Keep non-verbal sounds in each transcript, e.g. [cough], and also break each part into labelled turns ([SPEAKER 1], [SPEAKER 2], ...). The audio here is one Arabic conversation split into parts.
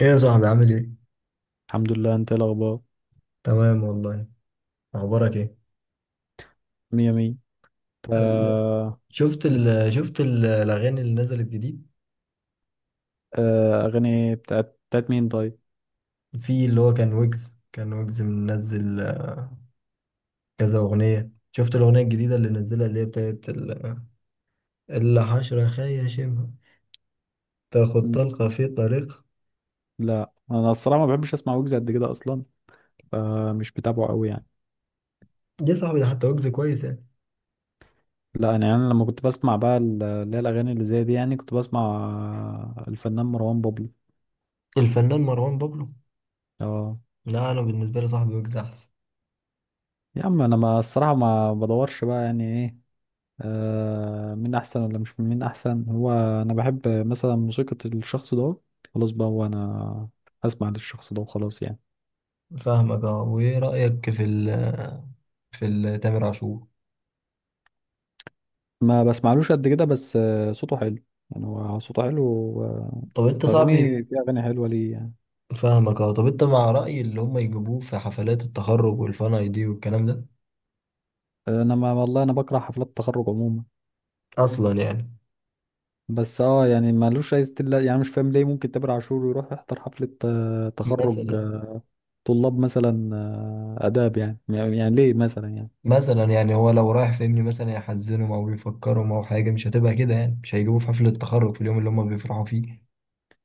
[SPEAKER 1] ايه يا صاحبي عامل ايه؟
[SPEAKER 2] الحمد لله، انت ايه الاخبار؟
[SPEAKER 1] تمام والله. اخبارك ايه؟
[SPEAKER 2] مية مية. انت؟
[SPEAKER 1] ال- شفت
[SPEAKER 2] بت...
[SPEAKER 1] ال شفت ال- الاغاني اللي نزلت جديد.
[SPEAKER 2] اغاني بتاعت مين، طيب؟
[SPEAKER 1] في اللي هو كان ويجز منزل كذا اغنيه. شفت الاغنيه الجديده اللي نزلها، اللي هي بتاعت الحشره خيشمها، تاخد
[SPEAKER 2] م-
[SPEAKER 1] طلقه في طريق.
[SPEAKER 2] لا، انا الصراحه ما بحبش اسمع ويجز قد كده اصلا. فمش بتابعه قوي يعني.
[SPEAKER 1] دي يا صاحبي، ده حتى ويجز كويس يعني.
[SPEAKER 2] لا، انا يعني لما كنت بسمع بقى اللي هي الاغاني اللي زي دي يعني كنت بسمع. الفنان مروان بابلو.
[SPEAKER 1] الفنان مروان بابلو.
[SPEAKER 2] اه،
[SPEAKER 1] لا، انا بالنسبه لي صاحبي ويجز احسن.
[SPEAKER 2] يا عم، انا، ما الصراحه ما بدورش بقى، يعني ايه. مين احسن ولا مش مين احسن، هو انا بحب مثلا موسيقى الشخص ده. خلاص بقى، هو انا هسمع للشخص ده وخلاص يعني.
[SPEAKER 1] فاهمك اه. وايه رايك تامر عاشور؟
[SPEAKER 2] ما بسمعلوش قد كده، بس صوته حلو، يعني هو صوته حلو
[SPEAKER 1] طب انت صاحبي.
[SPEAKER 2] في اغاني حلوه ليه يعني.
[SPEAKER 1] فاهمك اه. طب انت مع رأي اللي هم يجيبوه في حفلات التخرج والفان اي دي والكلام ده؟
[SPEAKER 2] انا، ما والله انا بكره حفلات التخرج عموما،
[SPEAKER 1] اصلا يعني.
[SPEAKER 2] بس يعني مالوش اي ستيل، يعني مش فاهم ليه ممكن تامر عاشور يروح يحضر حفله تخرج
[SPEAKER 1] مثلا
[SPEAKER 2] طلاب مثلا اداب، يعني ليه مثلا، يعني.
[SPEAKER 1] مثلا يعني هو لو رايح فاهمني، مثلا يحزنهم او يفكرهم او حاجة، مش هتبقى كده يعني، مش هيجيبوه في حفلة التخرج في اليوم اللي هم بيفرحوا فيه.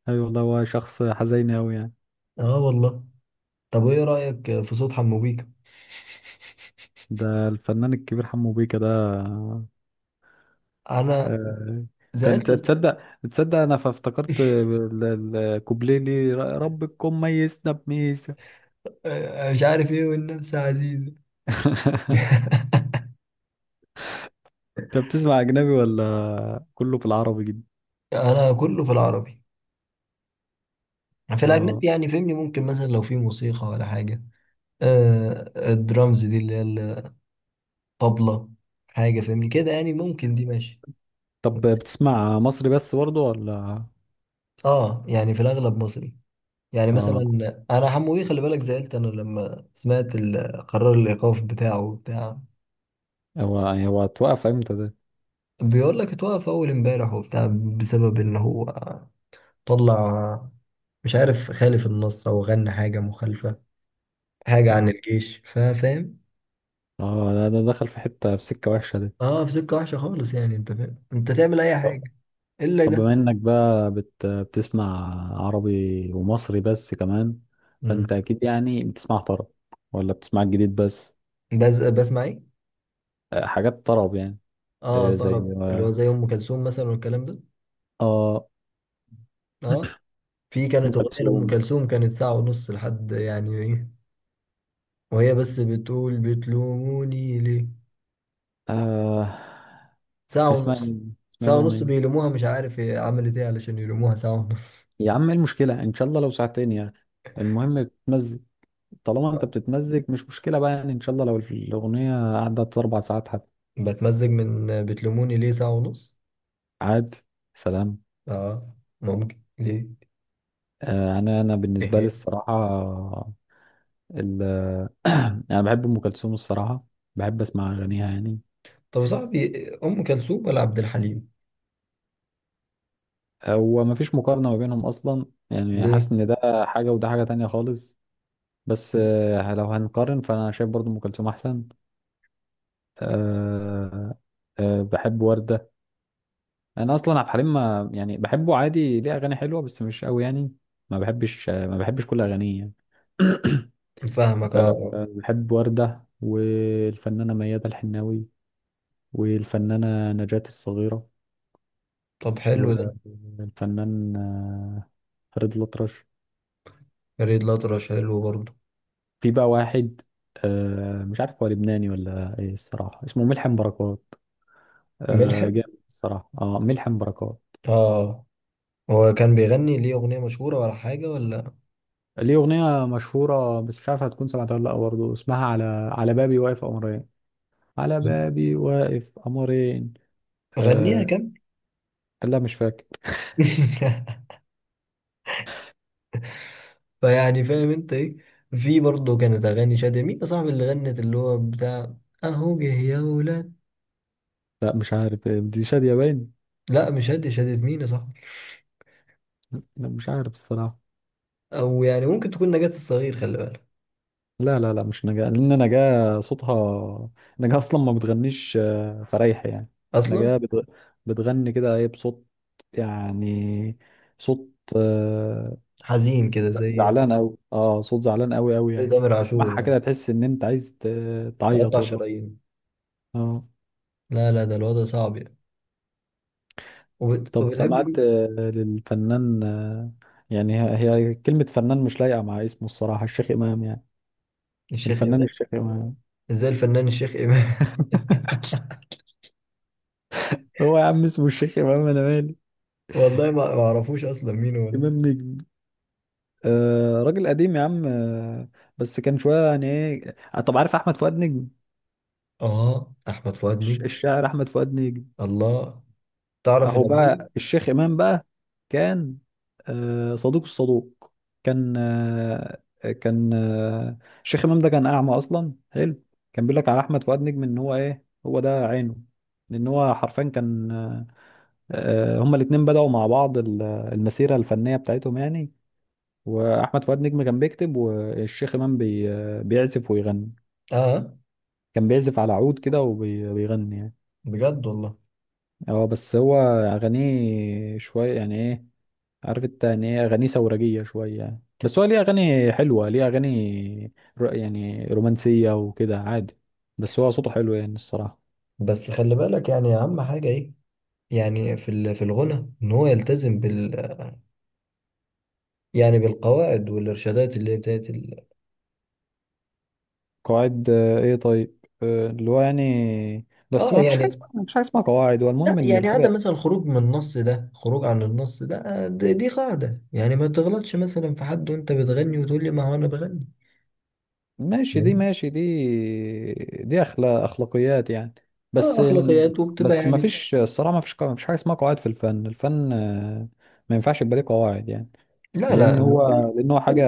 [SPEAKER 2] ايوه والله، هو شخص حزين قوي يعني.
[SPEAKER 1] اه والله. طب وايه رأيك في صوت حمو بيكا؟
[SPEAKER 2] ده الفنان الكبير حمو بيكا ده.
[SPEAKER 1] انا
[SPEAKER 2] آه، كنت
[SPEAKER 1] زعلت [laughs]
[SPEAKER 2] تصدق تصدق، انا فافتكرت الكوبليه، ليه ربكم ميزنا بميزه.
[SPEAKER 1] مش عارف ايه، والنفس عزيزة.
[SPEAKER 2] [laughs]
[SPEAKER 1] [laughs]
[SPEAKER 2] انت بتسمع اجنبي ولا كله بالعربي جدا؟
[SPEAKER 1] انا كله في العربي. في
[SPEAKER 2] اه،
[SPEAKER 1] الاجنبي يعني فهمني، ممكن مثلا لو في موسيقى ولا حاجه. آه الدرامز دي اللي هي طبلة، حاجة فاهمني كده يعني، ممكن دي ماشي.
[SPEAKER 2] طب بتسمع مصري بس برضه، ولا؟
[SPEAKER 1] اه يعني في الأغلب مصري. يعني
[SPEAKER 2] اه،
[SPEAKER 1] مثلا أنا حمو بيه، خلي بالك زعلت أنا لما سمعت قرار الإيقاف بتاعه وبتاع.
[SPEAKER 2] هو هو اتوقف امتى ده؟
[SPEAKER 1] بيقول لك اتوقف أول امبارح وبتاع، بسبب إن هو طلع، مش عارف، خالف النص أو غنى حاجة مخالفة، حاجة عن
[SPEAKER 2] اه،
[SPEAKER 1] الجيش، فاهم.
[SPEAKER 2] اه، ده دخل في سكه وحشه ده.
[SPEAKER 1] اه في سكة وحشة خالص يعني، أنت فاهم أنت تعمل أي
[SPEAKER 2] طب
[SPEAKER 1] حاجة إلا
[SPEAKER 2] طب
[SPEAKER 1] ده.
[SPEAKER 2] بما انك بقى بتسمع عربي ومصري بس كمان، فانت
[SPEAKER 1] مم.
[SPEAKER 2] اكيد يعني بتسمع طرب، ولا بتسمع الجديد بس؟
[SPEAKER 1] بس بسمع إيه؟
[SPEAKER 2] حاجات طرب يعني.
[SPEAKER 1] اه
[SPEAKER 2] زي
[SPEAKER 1] طرب، اللي هو زي أم كلثوم مثلا والكلام ده.
[SPEAKER 2] اه.
[SPEAKER 1] اه، في
[SPEAKER 2] ام
[SPEAKER 1] كانت أغنية لأم
[SPEAKER 2] كلثوم.
[SPEAKER 1] كلثوم كانت ساعة ونص لحد يعني إيه. وهي بس بتقول بتلوموني ليه،
[SPEAKER 2] آه.
[SPEAKER 1] ساعة
[SPEAKER 2] اسمها
[SPEAKER 1] ونص.
[SPEAKER 2] ايه اسمها ايه
[SPEAKER 1] ساعة ونص
[SPEAKER 2] الاغنيه؟
[SPEAKER 1] بيلوموها، مش عارف هي عملت إيه علشان يلوموها ساعة ونص.
[SPEAKER 2] يا عم، ايه المشكله؟ ان شاء الله لو ساعتين يعني. المهم بتمزج. طالما
[SPEAKER 1] [laughs]
[SPEAKER 2] انت
[SPEAKER 1] آه.
[SPEAKER 2] بتتمزج مش مشكله بقى يعني، ان شاء الله لو الاغنيه قعدت 4 ساعات حتى.
[SPEAKER 1] بتمزج من بتلوموني ليه ساعة ونص.
[SPEAKER 2] عاد. سلام.
[SPEAKER 1] آه. ممكن ليه.
[SPEAKER 2] آه. انا بالنسبه لي
[SPEAKER 1] إيه.
[SPEAKER 2] الصراحه، ال [clears throat] انا بحب ام كلثوم الصراحه، بحب اسمع اغانيها يعني.
[SPEAKER 1] طب يا صاحبي، أم كلثوم ولا عبد الحليم؟
[SPEAKER 2] هو مفيش مقارنه ما بينهم اصلا يعني، حاسس
[SPEAKER 1] ليه؟
[SPEAKER 2] ان ده حاجه وده حاجه تانية خالص. بس لو هنقارن فانا شايف برضو ام كلثوم احسن. أه. بحب وردة. انا اصلا عبد الحليم ما يعني بحبه عادي، ليه اغاني حلوة بس مش قوي يعني. ما بحبش كل اغانيه يعني. [coughs] [clears throat]
[SPEAKER 1] فاهمك آه
[SPEAKER 2] أه
[SPEAKER 1] آه.
[SPEAKER 2] آه، بحب وردة والفنانة ميادة الحناوي، والفنانة نجاة الصغيرة،
[SPEAKER 1] طب حلو ده.
[SPEAKER 2] والفنان فريد الأطرش.
[SPEAKER 1] فريد الأطرش حلو برضه.
[SPEAKER 2] في بقى واحد، مش عارف هو لبناني ولا ايه الصراحة، اسمه ملحم بركات.
[SPEAKER 1] ملحم.
[SPEAKER 2] جامد الصراحة، اه، ملحم بركات.
[SPEAKER 1] آه. هو كان بيغني ليه أغنية مشهورة ولا حاجة ولا؟
[SPEAKER 2] ليه أغنية مشهورة، بس مش عارف هتكون سمعتها ولا لأ، برضه اسمها على، على بابي واقف قمرين، على بابي واقف قمرين.
[SPEAKER 1] غنيها
[SPEAKER 2] آه.
[SPEAKER 1] كمان.
[SPEAKER 2] لا، مش فاكر.
[SPEAKER 1] [laughs] فيعني فاهم انت ايه. في برضه كانت اغاني شادية، مين يا صاحبي اللي غنت اللي هو بتاع اهو جه يا ولاد؟
[SPEAKER 2] لا، مش عارف، دي شادية باين.
[SPEAKER 1] لا مش شادية، شادية مين يا صاحبي؟
[SPEAKER 2] لا، مش عارف الصراحة.
[SPEAKER 1] او يعني ممكن تكون نجاة الصغير، خلي بالك.
[SPEAKER 2] لا، لا، لا، مش نجاة، لأن نجاة صوتها، نجاة أصلا ما بتغنيش فريح يعني. نجاة
[SPEAKER 1] اصلا
[SPEAKER 2] بتغ... بتغني كده، إيه، بصوت، يعني، صوت، آه،
[SPEAKER 1] حزين كده زي
[SPEAKER 2] زعلان قوي، اه، صوت زعلان قوي قوي،
[SPEAKER 1] زي
[SPEAKER 2] يعني
[SPEAKER 1] تامر عاشور
[SPEAKER 2] تسمعها
[SPEAKER 1] يعني.
[SPEAKER 2] كده تحس ان انت عايز تعيط
[SPEAKER 1] تقطع
[SPEAKER 2] والله.
[SPEAKER 1] شرايين.
[SPEAKER 2] اه.
[SPEAKER 1] لا لا، ده الوضع صعب يعني. وبت...
[SPEAKER 2] طب،
[SPEAKER 1] وبتحب
[SPEAKER 2] سمعت
[SPEAKER 1] مين؟
[SPEAKER 2] للفنان يعني هي كلمة فنان مش لايقة مع اسمه الصراحة، الشيخ إمام يعني.
[SPEAKER 1] الشيخ
[SPEAKER 2] الفنان
[SPEAKER 1] امام.
[SPEAKER 2] الشيخ إمام.
[SPEAKER 1] ازاي الفنان الشيخ امام؟
[SPEAKER 2] هو يا عم، اسمه الشيخ إمام، أنا مالي.
[SPEAKER 1] [laughs] والله ما اعرفوش اصلا مين هو ده.
[SPEAKER 2] إمام نجم. راجل قديم يا عم، بس كان شوية يعني إيه، طب، عارف أحمد فؤاد نجم؟
[SPEAKER 1] اه احمد فؤاد نجم.
[SPEAKER 2] الشاعر أحمد فؤاد نجم.
[SPEAKER 1] الله. تعرف
[SPEAKER 2] اهو
[SPEAKER 1] الابدول؟
[SPEAKER 2] بقى الشيخ امام بقى، كان صدوق الصدوق، كان آه، كان آه، الشيخ امام ده كان اعمى اصلا، حلو. كان بيقول لك على احمد فؤاد نجم ان هو ايه، هو ده عينه. لان هو حرفيا كان هما الاتنين بدأوا مع بعض المسيرة الفنية بتاعتهم يعني. واحمد فؤاد نجم كان بيكتب، والشيخ امام بي آه، بيعزف ويغني،
[SPEAKER 1] اه
[SPEAKER 2] كان بيعزف على عود كده وبيغني يعني.
[SPEAKER 1] بجد والله.
[SPEAKER 2] اه، بس هو اغانيه شوية يعني ايه، عارف انت يعني ايه، اغانيه ثورجيه شويه يعني. بس هو ليه اغاني حلوه، ليه اغاني يعني رومانسيه وكده، عادي. بس هو صوته حلو يعني الصراحه.
[SPEAKER 1] بس خلي بالك يعني، اهم حاجة ايه؟ يعني في الغنى ان هو يلتزم بال. يعني بالقواعد والارشادات اللي هي بتاعت.
[SPEAKER 2] قواعد ايه، طيب. اللي هو يعني، بس
[SPEAKER 1] اه يعني.
[SPEAKER 2] ما فيش حاجه اسمها قواعد، هو
[SPEAKER 1] لا
[SPEAKER 2] المهم ان
[SPEAKER 1] يعني
[SPEAKER 2] الحاجه
[SPEAKER 1] عدم مثلا الخروج من النص، ده خروج عن النص ده. دي قاعدة، يعني ما تغلطش مثلا في حد وانت بتغني، وتقول لي ما هو انا بغني
[SPEAKER 2] ماشي دي،
[SPEAKER 1] يعني.
[SPEAKER 2] ماشي دي. دي اخلاقيات يعني. بس
[SPEAKER 1] اه
[SPEAKER 2] إن-
[SPEAKER 1] اخلاقيات، وبتبقى
[SPEAKER 2] بس ما
[SPEAKER 1] يعني.
[SPEAKER 2] فيش الصراحه ما فيش حاجه اسمها قواعد في الفن ما ينفعش يبقى ليه قواعد يعني.
[SPEAKER 1] لا
[SPEAKER 2] لان
[SPEAKER 1] لا.
[SPEAKER 2] هو لان هو حاجه،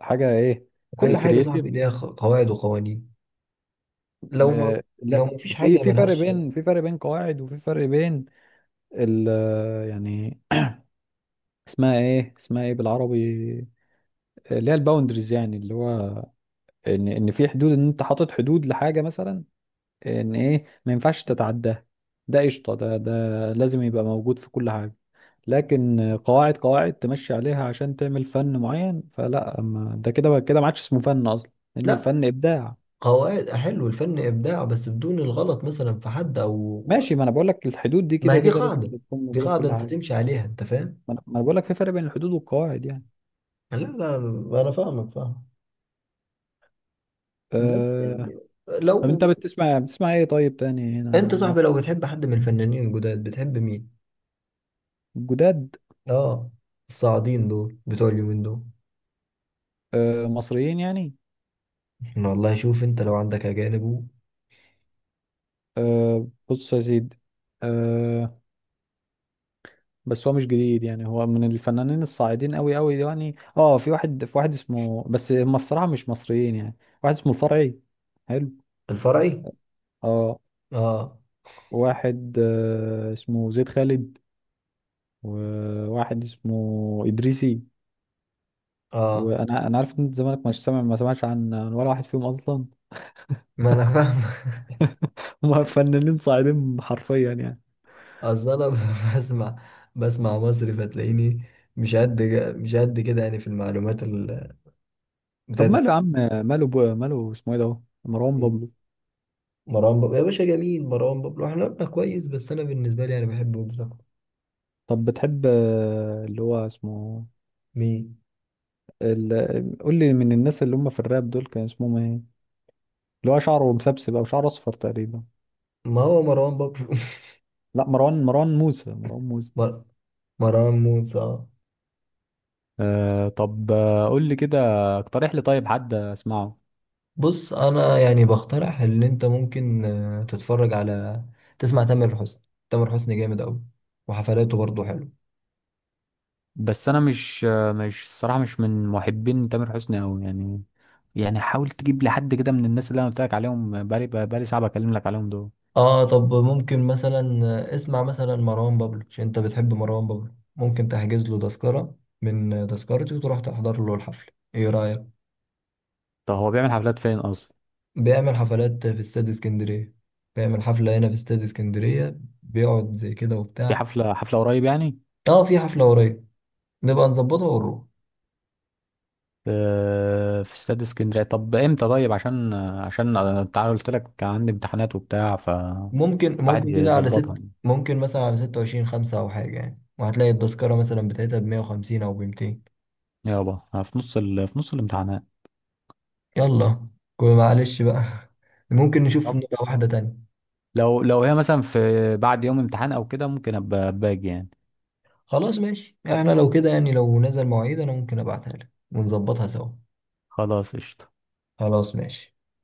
[SPEAKER 2] حاجه ايه حاجه
[SPEAKER 1] كل حاجة يا
[SPEAKER 2] كرييتيف.
[SPEAKER 1] صاحبي ليها قواعد وقوانين. لو ما لو
[SPEAKER 2] لا،
[SPEAKER 1] ما فيش
[SPEAKER 2] في
[SPEAKER 1] حاجة ملهاش.
[SPEAKER 2] في فرق بين قواعد، وفي فرق بين ال يعني، اسمها ايه بالعربي؟ اللي هي الباوندريز، يعني اللي هو ان في حدود، ان انت حاطط حدود لحاجه مثلا، ان ايه، ما ينفعش تتعداها. ده قشطه، ده لازم يبقى موجود في كل حاجه. لكن قواعد تمشي عليها عشان تعمل فن معين فلا، ما ده كده كده ما عادش اسمه فن اصلا، لان
[SPEAKER 1] لا.
[SPEAKER 2] الفن ابداع.
[SPEAKER 1] قواعد حلو. الفن إبداع، بس بدون الغلط مثلا في حد أو.
[SPEAKER 2] ماشي، ما انا بقول لك، الحدود دي
[SPEAKER 1] ما
[SPEAKER 2] كده
[SPEAKER 1] هي دي
[SPEAKER 2] كده لازم
[SPEAKER 1] قاعدة.
[SPEAKER 2] تكون
[SPEAKER 1] دي
[SPEAKER 2] موجوده في
[SPEAKER 1] قاعدة
[SPEAKER 2] كل
[SPEAKER 1] انت
[SPEAKER 2] حاجه.
[SPEAKER 1] تمشي عليها، انت فاهم.
[SPEAKER 2] ما أنا بقول لك في فرق بين الحدود والقواعد يعني.
[SPEAKER 1] لا لا، انا فاهمك فاهم. بس
[SPEAKER 2] أه...
[SPEAKER 1] يعني
[SPEAKER 2] طب،
[SPEAKER 1] لو.
[SPEAKER 2] انت بتسمع ايه طيب تاني هنا؟
[SPEAKER 1] انت صاحبي، لو
[SPEAKER 2] مط-
[SPEAKER 1] بتحب حد من الفنانين الجداد، بتحب مين؟
[SPEAKER 2] جداد؟
[SPEAKER 1] اه. الصاعدين دول بتوع اليومين دول.
[SPEAKER 2] مصريين يعني؟
[SPEAKER 1] احنا والله، شوف انت لو عندك اجانب.
[SPEAKER 2] بص يا سيدي، أه... بس هو مش جديد يعني، هو من الفنانين الصاعدين قوي قوي يعني. اه، في واحد اسمه، بس هم الصراحه مش مصريين يعني، واحد اسمه الفرعي. حلو.
[SPEAKER 1] الفرعي.
[SPEAKER 2] اه.
[SPEAKER 1] اه.
[SPEAKER 2] واحد اسمه زيد خالد، وواحد اسمه ادريسي.
[SPEAKER 1] اه
[SPEAKER 2] وانا انا عارف ان انت زمانك مش سامع، ما سمعتش عن ولا واحد فيهم اصلا.
[SPEAKER 1] ما انا فاهم.
[SPEAKER 2] [laughs] هم فنانين صاعدين حرفيا يعني.
[SPEAKER 1] [laughs] اصل انا بسمع مصري، فتلاقيني مش قد مش قد كده يعني، في المعلومات
[SPEAKER 2] طب،
[SPEAKER 1] بتاعت
[SPEAKER 2] ماله يا
[SPEAKER 1] الفنانين.
[SPEAKER 2] عم؟ ماله اسمه ايه ده هو؟ مروان بابلو.
[SPEAKER 1] مروان بابلو يا باشا جميل، مروان بابلو احنا قلنا كويس، بس انا بالنسبه لي انا بحب ويجز أكتر.
[SPEAKER 2] طب، بتحب اللي هو اسمه
[SPEAKER 1] مين؟
[SPEAKER 2] ال... قول لي، من الناس اللي هم في الراب دول كان اسمهم ايه، اللي هو شعره مسبسب او شعره اصفر تقريبا؟
[SPEAKER 1] ما هو مروان بابلو.
[SPEAKER 2] لا، مروان موسى، مروان موسى.
[SPEAKER 1] [laughs] مر... مروان موسى.
[SPEAKER 2] طب، قول لي كده، اقترح لي طيب حد اسمعه.
[SPEAKER 1] بص انا يعني بقترح ان انت ممكن تتفرج على، تسمع تامر حسني. تامر حسني جامد قوي. وحفلاته برضه حلو.
[SPEAKER 2] بس انا مش، الصراحه مش من محبين تامر حسني قوي يعني. يعني حاول تجيب لي حد كده من الناس اللي انا قلت لك عليهم، بقالي ساعه بكلم لك عليهم دول.
[SPEAKER 1] اه طب ممكن مثلا اسمع مثلا مروان بابلو، عشان انت بتحب مروان بابلو، ممكن تحجز له تذكره من تذكرتي، وتروح تحضر له الحفله. ايه رايك؟
[SPEAKER 2] طب، هو بيعمل حفلات فين اصلا؟
[SPEAKER 1] بيعمل حفلات في استاد اسكندرية. بيعمل حفلة هنا في استاد اسكندرية، بيقعد زي كده
[SPEAKER 2] في
[SPEAKER 1] وبتاع.
[SPEAKER 2] حفله قريب يعني؟
[SPEAKER 1] اه في حفلة قريب. نبقى نظبطها ونروح.
[SPEAKER 2] في استاد اسكندريه؟ طب، امتى؟ طيب، عشان انت عارف، قلت لك كان عندي امتحانات وبتاع،
[SPEAKER 1] ممكن
[SPEAKER 2] الواحد
[SPEAKER 1] ممكن كده على
[SPEAKER 2] يظبطها
[SPEAKER 1] ست
[SPEAKER 2] يعني.
[SPEAKER 1] ممكن مثلا على 26/5 أو حاجة يعني، وهتلاقي التذكرة مثلا بتاعتها بمية وخمسين أو بمتين.
[SPEAKER 2] يابا، أنا في نص الامتحانات.
[SPEAKER 1] يلا، كل معلش بقى. [laughs] ممكن نشوف،
[SPEAKER 2] طب،
[SPEAKER 1] نبقى واحدة تانية.
[SPEAKER 2] لو هي مثلا في بعد يوم امتحان او كده، ممكن ابقى باجي يعني.
[SPEAKER 1] خلاص ماشي، احنا لو كده يعني لو نزل مواعيد أنا ممكن أبعتها لك ونظبطها سوا.
[SPEAKER 2] خلاص قشطه.
[SPEAKER 1] خلاص ماشي.